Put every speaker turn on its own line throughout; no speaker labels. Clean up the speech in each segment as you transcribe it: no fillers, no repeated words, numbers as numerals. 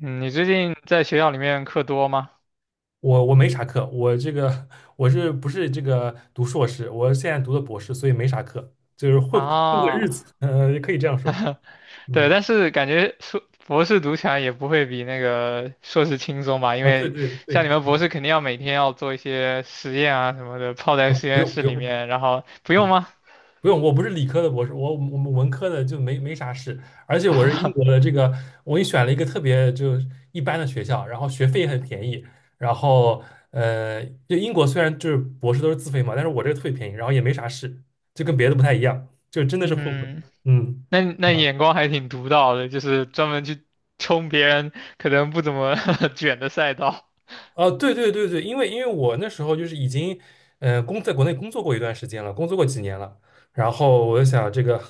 嗯，你最近在学校里面课多吗？
我没啥课，我这个我是不是这个读硕士？我现在读的博士，所以没啥课，就是混个日
啊，
子，也可以这样说。
对，
嗯，
但是感觉硕博士读起来也不会比那个硕士轻松吧？因
啊，对
为
对对，
像你们博士肯定要每天要做一些实验啊什么的，泡在实
不
验
用
室
不用，
里面，然后不用
嗯，
吗？
不用，我不是理科的博士，我们文科的就没啥事，而且我是英国的 这个，我也选了一个特别就一般的学校，然后学费也很便宜，然后就英国虽然就是博士都是自费嘛，但是我这个特别便宜，然后也没啥事，就跟别的不太一样，就真的是混混，
嗯，
嗯。
那你眼光还挺独到的，就是专门去冲别人可能不怎么 卷的赛道。
哦，对对对对，因为我那时候就是已经，国内工作过一段时间了，工作过几年了，然后我就想这个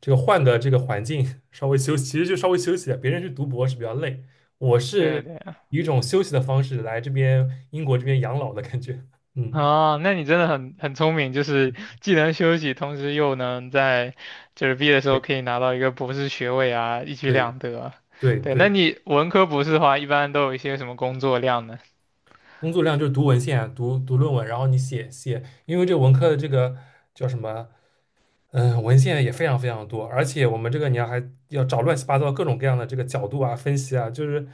换的这个环境稍微休息，其实就稍微休息啊，别人去读博是比较累，我
对
是
对，
以一种休息的方式来这边英国这边养老的感觉。嗯，
啊，那你真的很聪明，就是既能休息，同时又能在就是毕业的时候
对
可以拿到一个博士学位啊，一举
对
两得。
对
对，那
对，
你文科博士的话，一般都有一些什么工作量呢？
工作量就是读文献啊、读论文，然后你写写，因为这文科的这个叫什么？嗯，文献也非常非常多，而且我们这个你要还要找乱七八糟各种各样的这个角度啊、分析啊，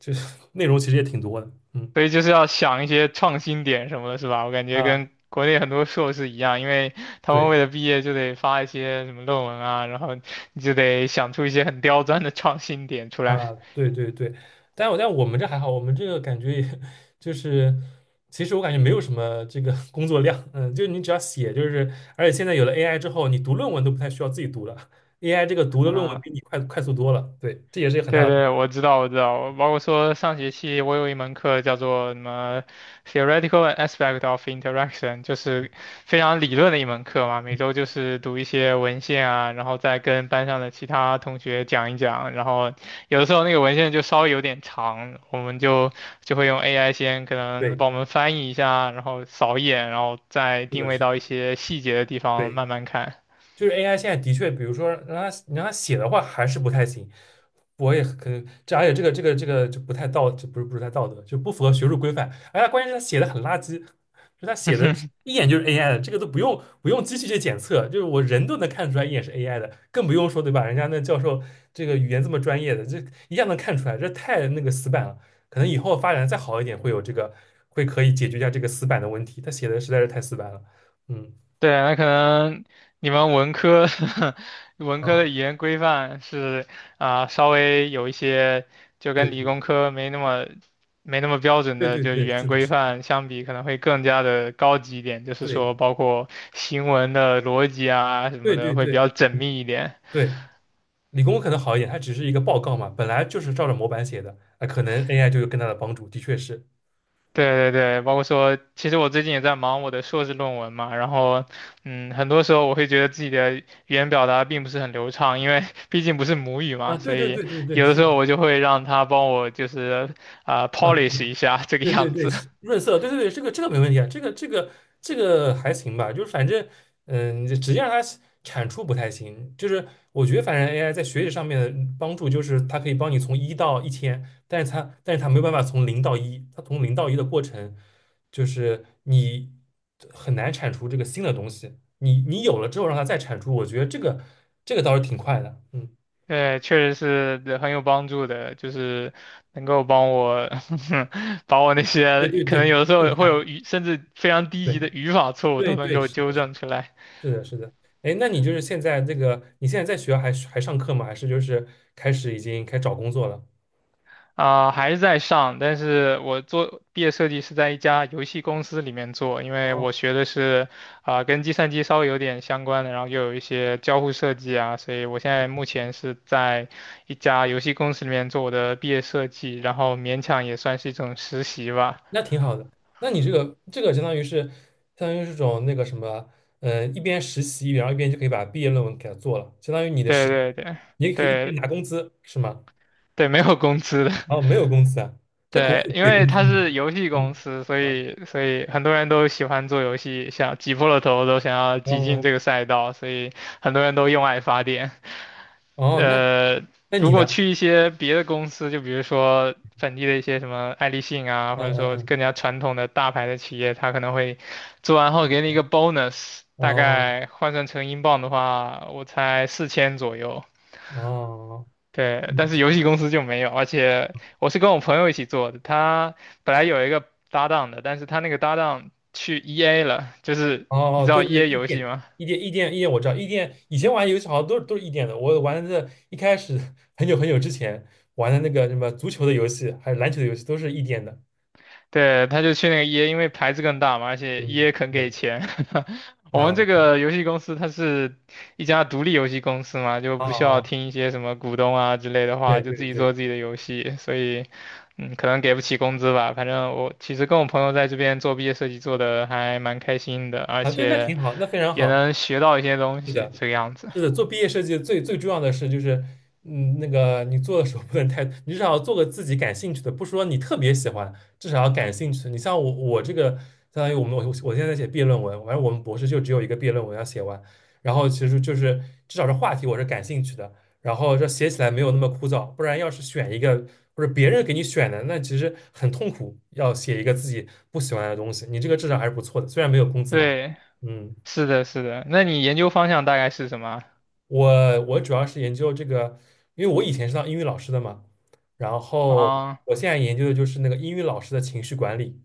就是 内容其实也挺多的。嗯
所以就是要想一些创新点什么的，是吧？我感觉
啊，
跟国内很多硕士一样，因为他们
对
为了毕业就得发一些什么论文啊，然后你就得想出一些很刁钻的创新点出来
啊，对对对，但我们这还好，我们这个感觉也 就是其实我感觉没有什么这个 工作量，嗯，就是你只要写，就是而且现在有了 AI 之后，你读论文都不太需要自己读了，AI 这个读的论文
啊
比你快速多了。对，这也是一个很
对
大的。
对，我知道，我知道，包括说上学期我有一门课叫做什么 Theoretical Aspect of Interaction，就是非常理论的一门课嘛。每周就是读一些文献啊，然后再跟班上的其他同学讲一讲。然后有的时候那个文献就稍微有点长，我们就会用 AI 先可能
对，
帮我们翻译一下，然后扫一眼，然后再
是
定
的，
位
是
到一
的，
些细节的地方
对。
慢慢看。
就是 AI 现在的确，比如说你让他写的话还是不太行，我也可能这而且这个就不太道，就不是太道德，就不符合学术规范。而且关键是他写的很垃圾，就他写的 一眼就是 AI 的，这个都不用机器去检测，就是我人都能看出来一眼是 AI 的，更不用说对吧？人家那教授这个语言这么专业的，这一下能看出来，这太那个死板了。可能以后发展再好一点，会有这个可以解决一下这个死板的问题。他写的实在是太死板了，嗯
对，那可能你们文科 文科
嗯，
的语言规范是啊、稍微有一些就跟
对。
理工科没那么标准
对
的，
对
就语
对，
言
是的，
规
是的
范相比，可能会更加的高级一点，就是
对
说包括行文的逻辑啊什么
对
的
对
会比
对，
较缜
嗯，
密一点。
对，理工可能好一点，它只是一个报告嘛，本来就是照着模板写的，那可能 AI 就有更大的帮助，的确是
对对对，包括说，其实我最近也在忙我的硕士论文嘛，然后，很多时候我会觉得自己的语言表达并不是很流畅，因为毕竟不是母语
啊，
嘛，所
对对
以
对对对，
有的
是
时
的，
候我就会让他帮我就是啊、
啊，
polish 一下这个
对对对
样
对，
子，
润色，对对对，这个这个没问题啊，这个还行吧，就是反正，嗯、你就直接让它产出不太行，就是我觉得反正 AI 在学习上面的帮助就是它可以帮你从一到一千，但是它没有办法从零到一，它从零到一的过程就是你很难产出这个新的东西，你你有了之后让它再产出，我觉得这个倒是挺快的，嗯，
对，确实是对很有帮助的，就是能够帮我 把我那
对
些
对
可能
对，
有的时
更
候会
快，
有甚至非常低
对
级的语法错误都
对
能
对，
够
是。
纠正出来。
是的，是的。哎，那你就是现在这个，你现在在学校还上课吗？还是就是开始已经开始找工作了？
啊、还是在上，但是我做毕业设计是在一家游戏公司里面做，因为
哦，
我学的是啊、跟计算机稍微有点相关的，然后又有一些交互设计啊，所以我现在目前是在一家游戏公司里面做我的毕业设计，然后勉强也算是一种实习吧。
那挺好的。那你这个相当于是种那个什么，一边实习，然后一边就可以把毕业论文给它做了，相当于你的
对
实，
对对
你也可以一边
对
拿工资，是吗？
对，没有工资的。
哦，没有工资啊，这国外
对，因
给
为
工资
它
吗？
是游戏
嗯
公司，所
啊
以所以很多人都喜欢做游戏，想挤破了头都想要挤进这
哦
个赛道，所以很多人都用爱发电。
哦，那
呃，
那
如
你
果
呢？
去一些别的公司，就比如说本地的一些什么爱立信啊，或者
嗯嗯
说
嗯，
更加传统的大牌的企业，它可能会做完后给你一个 bonus，大
哦
概换算成英镑的话，我猜4000左右。
哦。哦
对，但是游戏公司就没有，而且我是跟我朋友一起做的，他本来有一个搭档的，但是他那个搭档去 EA 了，就是
哦
你
哦，
知道
对对对，
EA
异
游戏
电，
吗？
异电，异电，异电，我知道，异电。以前玩游戏好像都是都是异电的。我玩的一开始很久很久之前玩的那个什么足球的游戏，还有篮球的游戏，都是异电的。
对，他就去那个 EA，因为牌子更大嘛，而且
嗯，
EA 肯
是
给
的，
钱。我们这
啊
个游戏公司它是一家独立游戏公司嘛，就
啊啊，
不需要
哦
听一些什么股东啊之类的话，
对
就
对
自己做
对，
自己的游戏，所以可能给不起工资吧。反正我其实跟我朋友在这边做毕业设计做的还蛮开心的，而
啊对，那
且。
挺好，那非常
也
好。
能学到一些东西，这个样子。
是的，做毕业设计最重要的是就是，嗯，那个你做的时候不能太，你至少要做个自己感兴趣的，不说你特别喜欢，至少要感兴趣的你像我，我这个相当于我们我我现在在写毕业论文，反正我们博士就只有一个毕业论文要写完，然后其实就是至少这话题我是感兴趣的，然后这写起来没有那么枯燥，不然要是选一个或者别人给你选的，那其实很痛苦，要写一个自己不喜欢的东西，你这个至少还是不错的，虽然没有工资拿，
对，
嗯。
是的，是的。那你研究方向大概是什么
我主要是研究这个，因为我以前是当英语老师的嘛，然后
啊？
我现在研究的就是那个英语老师的情绪管理。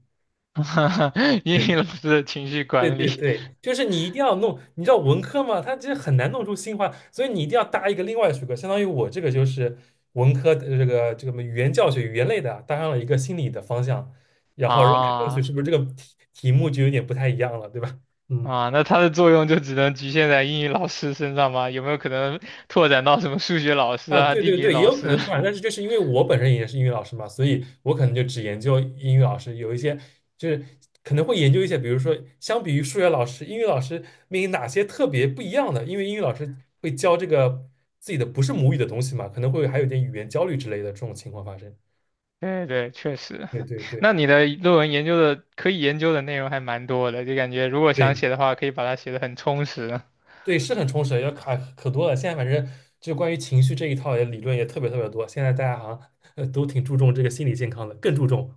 啊，英语
对
老师的情绪
对
管
对
理
对，就是你一定要弄，你知道文科嘛，它其实很难弄出新花，所以你一定要搭一个另外的学科，相当于我这个就是文科的什么语言教学语言类的，搭上了一个心理的方向，然后让看上去
啊
是不是这个题目就有点不太一样了，对吧？嗯。
啊，那它的作用就只能局限在英语老师身上吗？有没有可能拓展到什么数学老师
啊，
啊、
对
地
对
理
对，也
老
有可
师？
能突然，但是就是因为我本身也是英语老师嘛，所以我可能就只研究英语老师，有一些就是可能会研究一些，比如说相比于数学老师，英语老师面临哪些特别不一样的，因为英语老师会教这个自己的不是母语的东西嘛，可能会还有点语言焦虑之类的这种情况发生。
对对，确实。
对对对
那你的论文研究的可以研究的内容还蛮多的，就感觉如果想
对
写的话，可以把它写的很充实。
对，是很充实的要卡可多了。现在反正就关于情绪这一套也理论也特别特别多，现在大家好像 都挺注重这个心理健康的，更注重。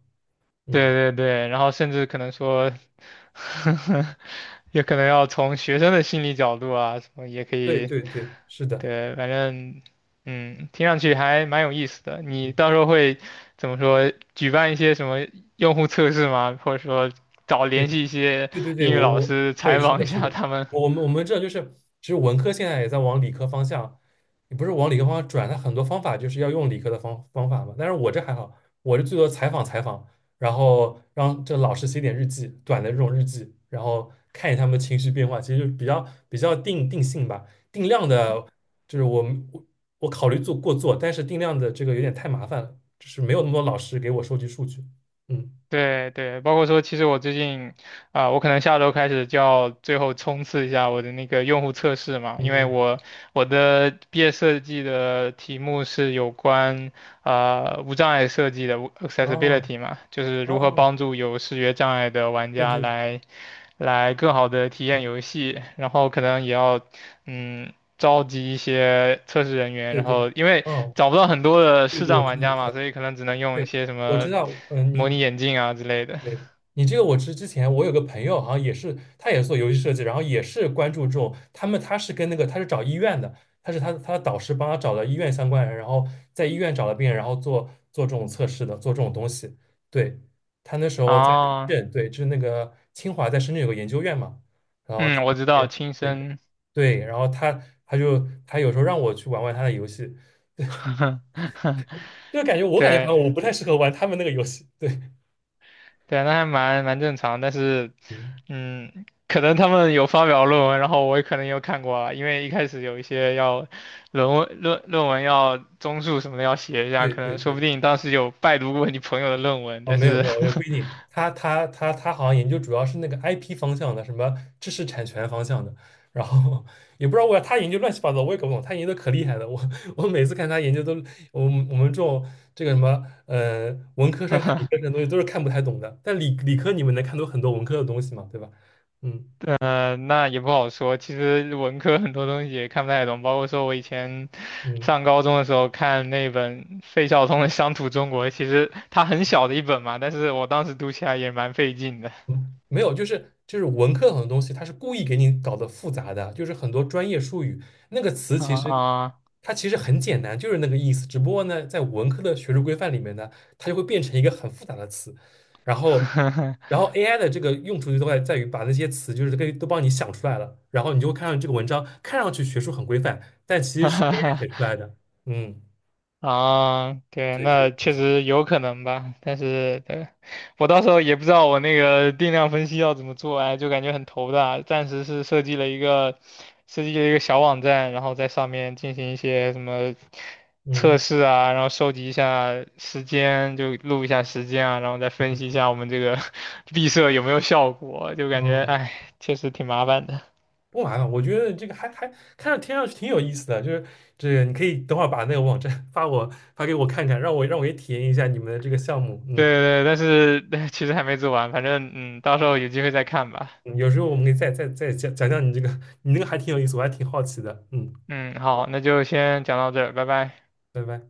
嗯，
对对对，然后甚至可能说 也可能要从学生的心理角度啊，什么也可
对
以，
对对，是的。
对，反正，听上去还蛮有意思的。你
嗯
到时候会怎么说？举办一些什么用户测试吗？或者说找联
对
系一些
对对对，
英语
我
老
我
师
对
采
是
访一
的，是
下
的，
他们？
我们这就是，其实文科现在也在往理科方向，也不是往理科方向转，它很多方法就是要用理科的方法嘛。但是我这还好，我这最多采访采访，然后让这老师写点日记，短的这种日记，然后看一下他们情绪变化，其实就比较定性吧，定量的，就是我们我我考虑做过做，但是定量的这个有点太麻烦了，就是没有那么多老师给我收集数据，嗯
对对，包括说，其实我最近啊、我可能下周开始就要最后冲刺一下我的那个用户测试嘛，
嗯
因为
嗯，
我的毕业设计的题目是有关。无障碍设计的
哦
accessibility 嘛，就是如何
哦
帮助有视觉障碍的玩
对
家
对
来更好的体验游戏，然后可能也要召集一些测试人员，
对
然
对，
后因为
哦，
找不到很多的视
对，我
障
知
玩
道，
家
知道，
嘛，所以可能只能用一
对，
些什
我知
么
道，嗯，
模
你
拟眼镜啊之类的。
对你这个我知，之前我有个朋友好像也是，他也是做游戏设计，然后也是关注这种，他们他是跟那个他是找医院的，他是他他的导师帮他找了医院相关人，然后在医院找了病人，然后做这种测试的，做这种东西。对，他那时候在深
啊，
圳，对，就是那个清华在深圳有个研究院嘛，然后他
嗯，我知道，亲
对
身，
对，然后他有时候让我去玩玩他的游戏。就感 觉我感觉好
对。
像我不太适合玩他们那个游戏。对，
对啊，那还蛮正常，但是，
嗯，
可能他们有发表论文，然后我也可能有看过啊，因为一开始有一些要论文要综述什么的要写一下，
对
可
对
能说不
对，
定当时有拜读过你朋友的论文，
哦，
但
没有
是，
没有，也不一定。他好像研究主要是那个 IP 方向的，什么知识产权方向的。然后也不知道为啥他研究乱七八糟，我也搞不懂。他研究的可厉害了，我每次看他研究都，我们这种这个什么文科生看理科生 的东西都是看不太懂的。但理科你们能看懂很多文科的东西嘛，对吧？嗯
那也不好说。其实文科很多东西也看不太懂，包括说我以前
嗯。
上高中的时候看那本费孝通的《乡土中国》，其实它很小的一本嘛，但是我当时读起来也蛮费劲的
嗯，没有，就是文科很多东西，它是故意给你搞得复杂的，就是很多专业术语，那个词
啊。
它其实很简单，就是那个意思，只不过呢，在文科的学术规范里面呢，它就会变成一个很复杂的词，然 后AI 的这个用处就在于把那些词就是给都帮你想出来了，然后你就会看上这个文章看上去学术很规范，但其实
哈
是
哈，
AI 写出来的，嗯，
啊，对，
对，就
那
是
确实有可能吧，但是对，我到时候也不知道我那个定量分析要怎么做，哎，就感觉很头大。暂时是设计了一个小网站，然后在上面进行一些什么测
嗯。
试啊，然后收集一下时间，就录一下时间啊，然后再分析一下我们这个 闭塞有没有效果，就感觉
哦，
哎，确实挺麻烦的。
不麻烦，我觉得这个还听上去挺有意思的，就是这个你可以等会儿把那个网站 发给我看看，让我也体验一下你们的这个项目。嗯，
对对，对，但是 其实还没做完，反正到时候有机会再看吧。
嗯有时候我们可以再再讲讲你这个，你那个还挺有意思，我还挺好奇的。嗯，
嗯，好，那就先讲到这儿，拜拜。
拜拜。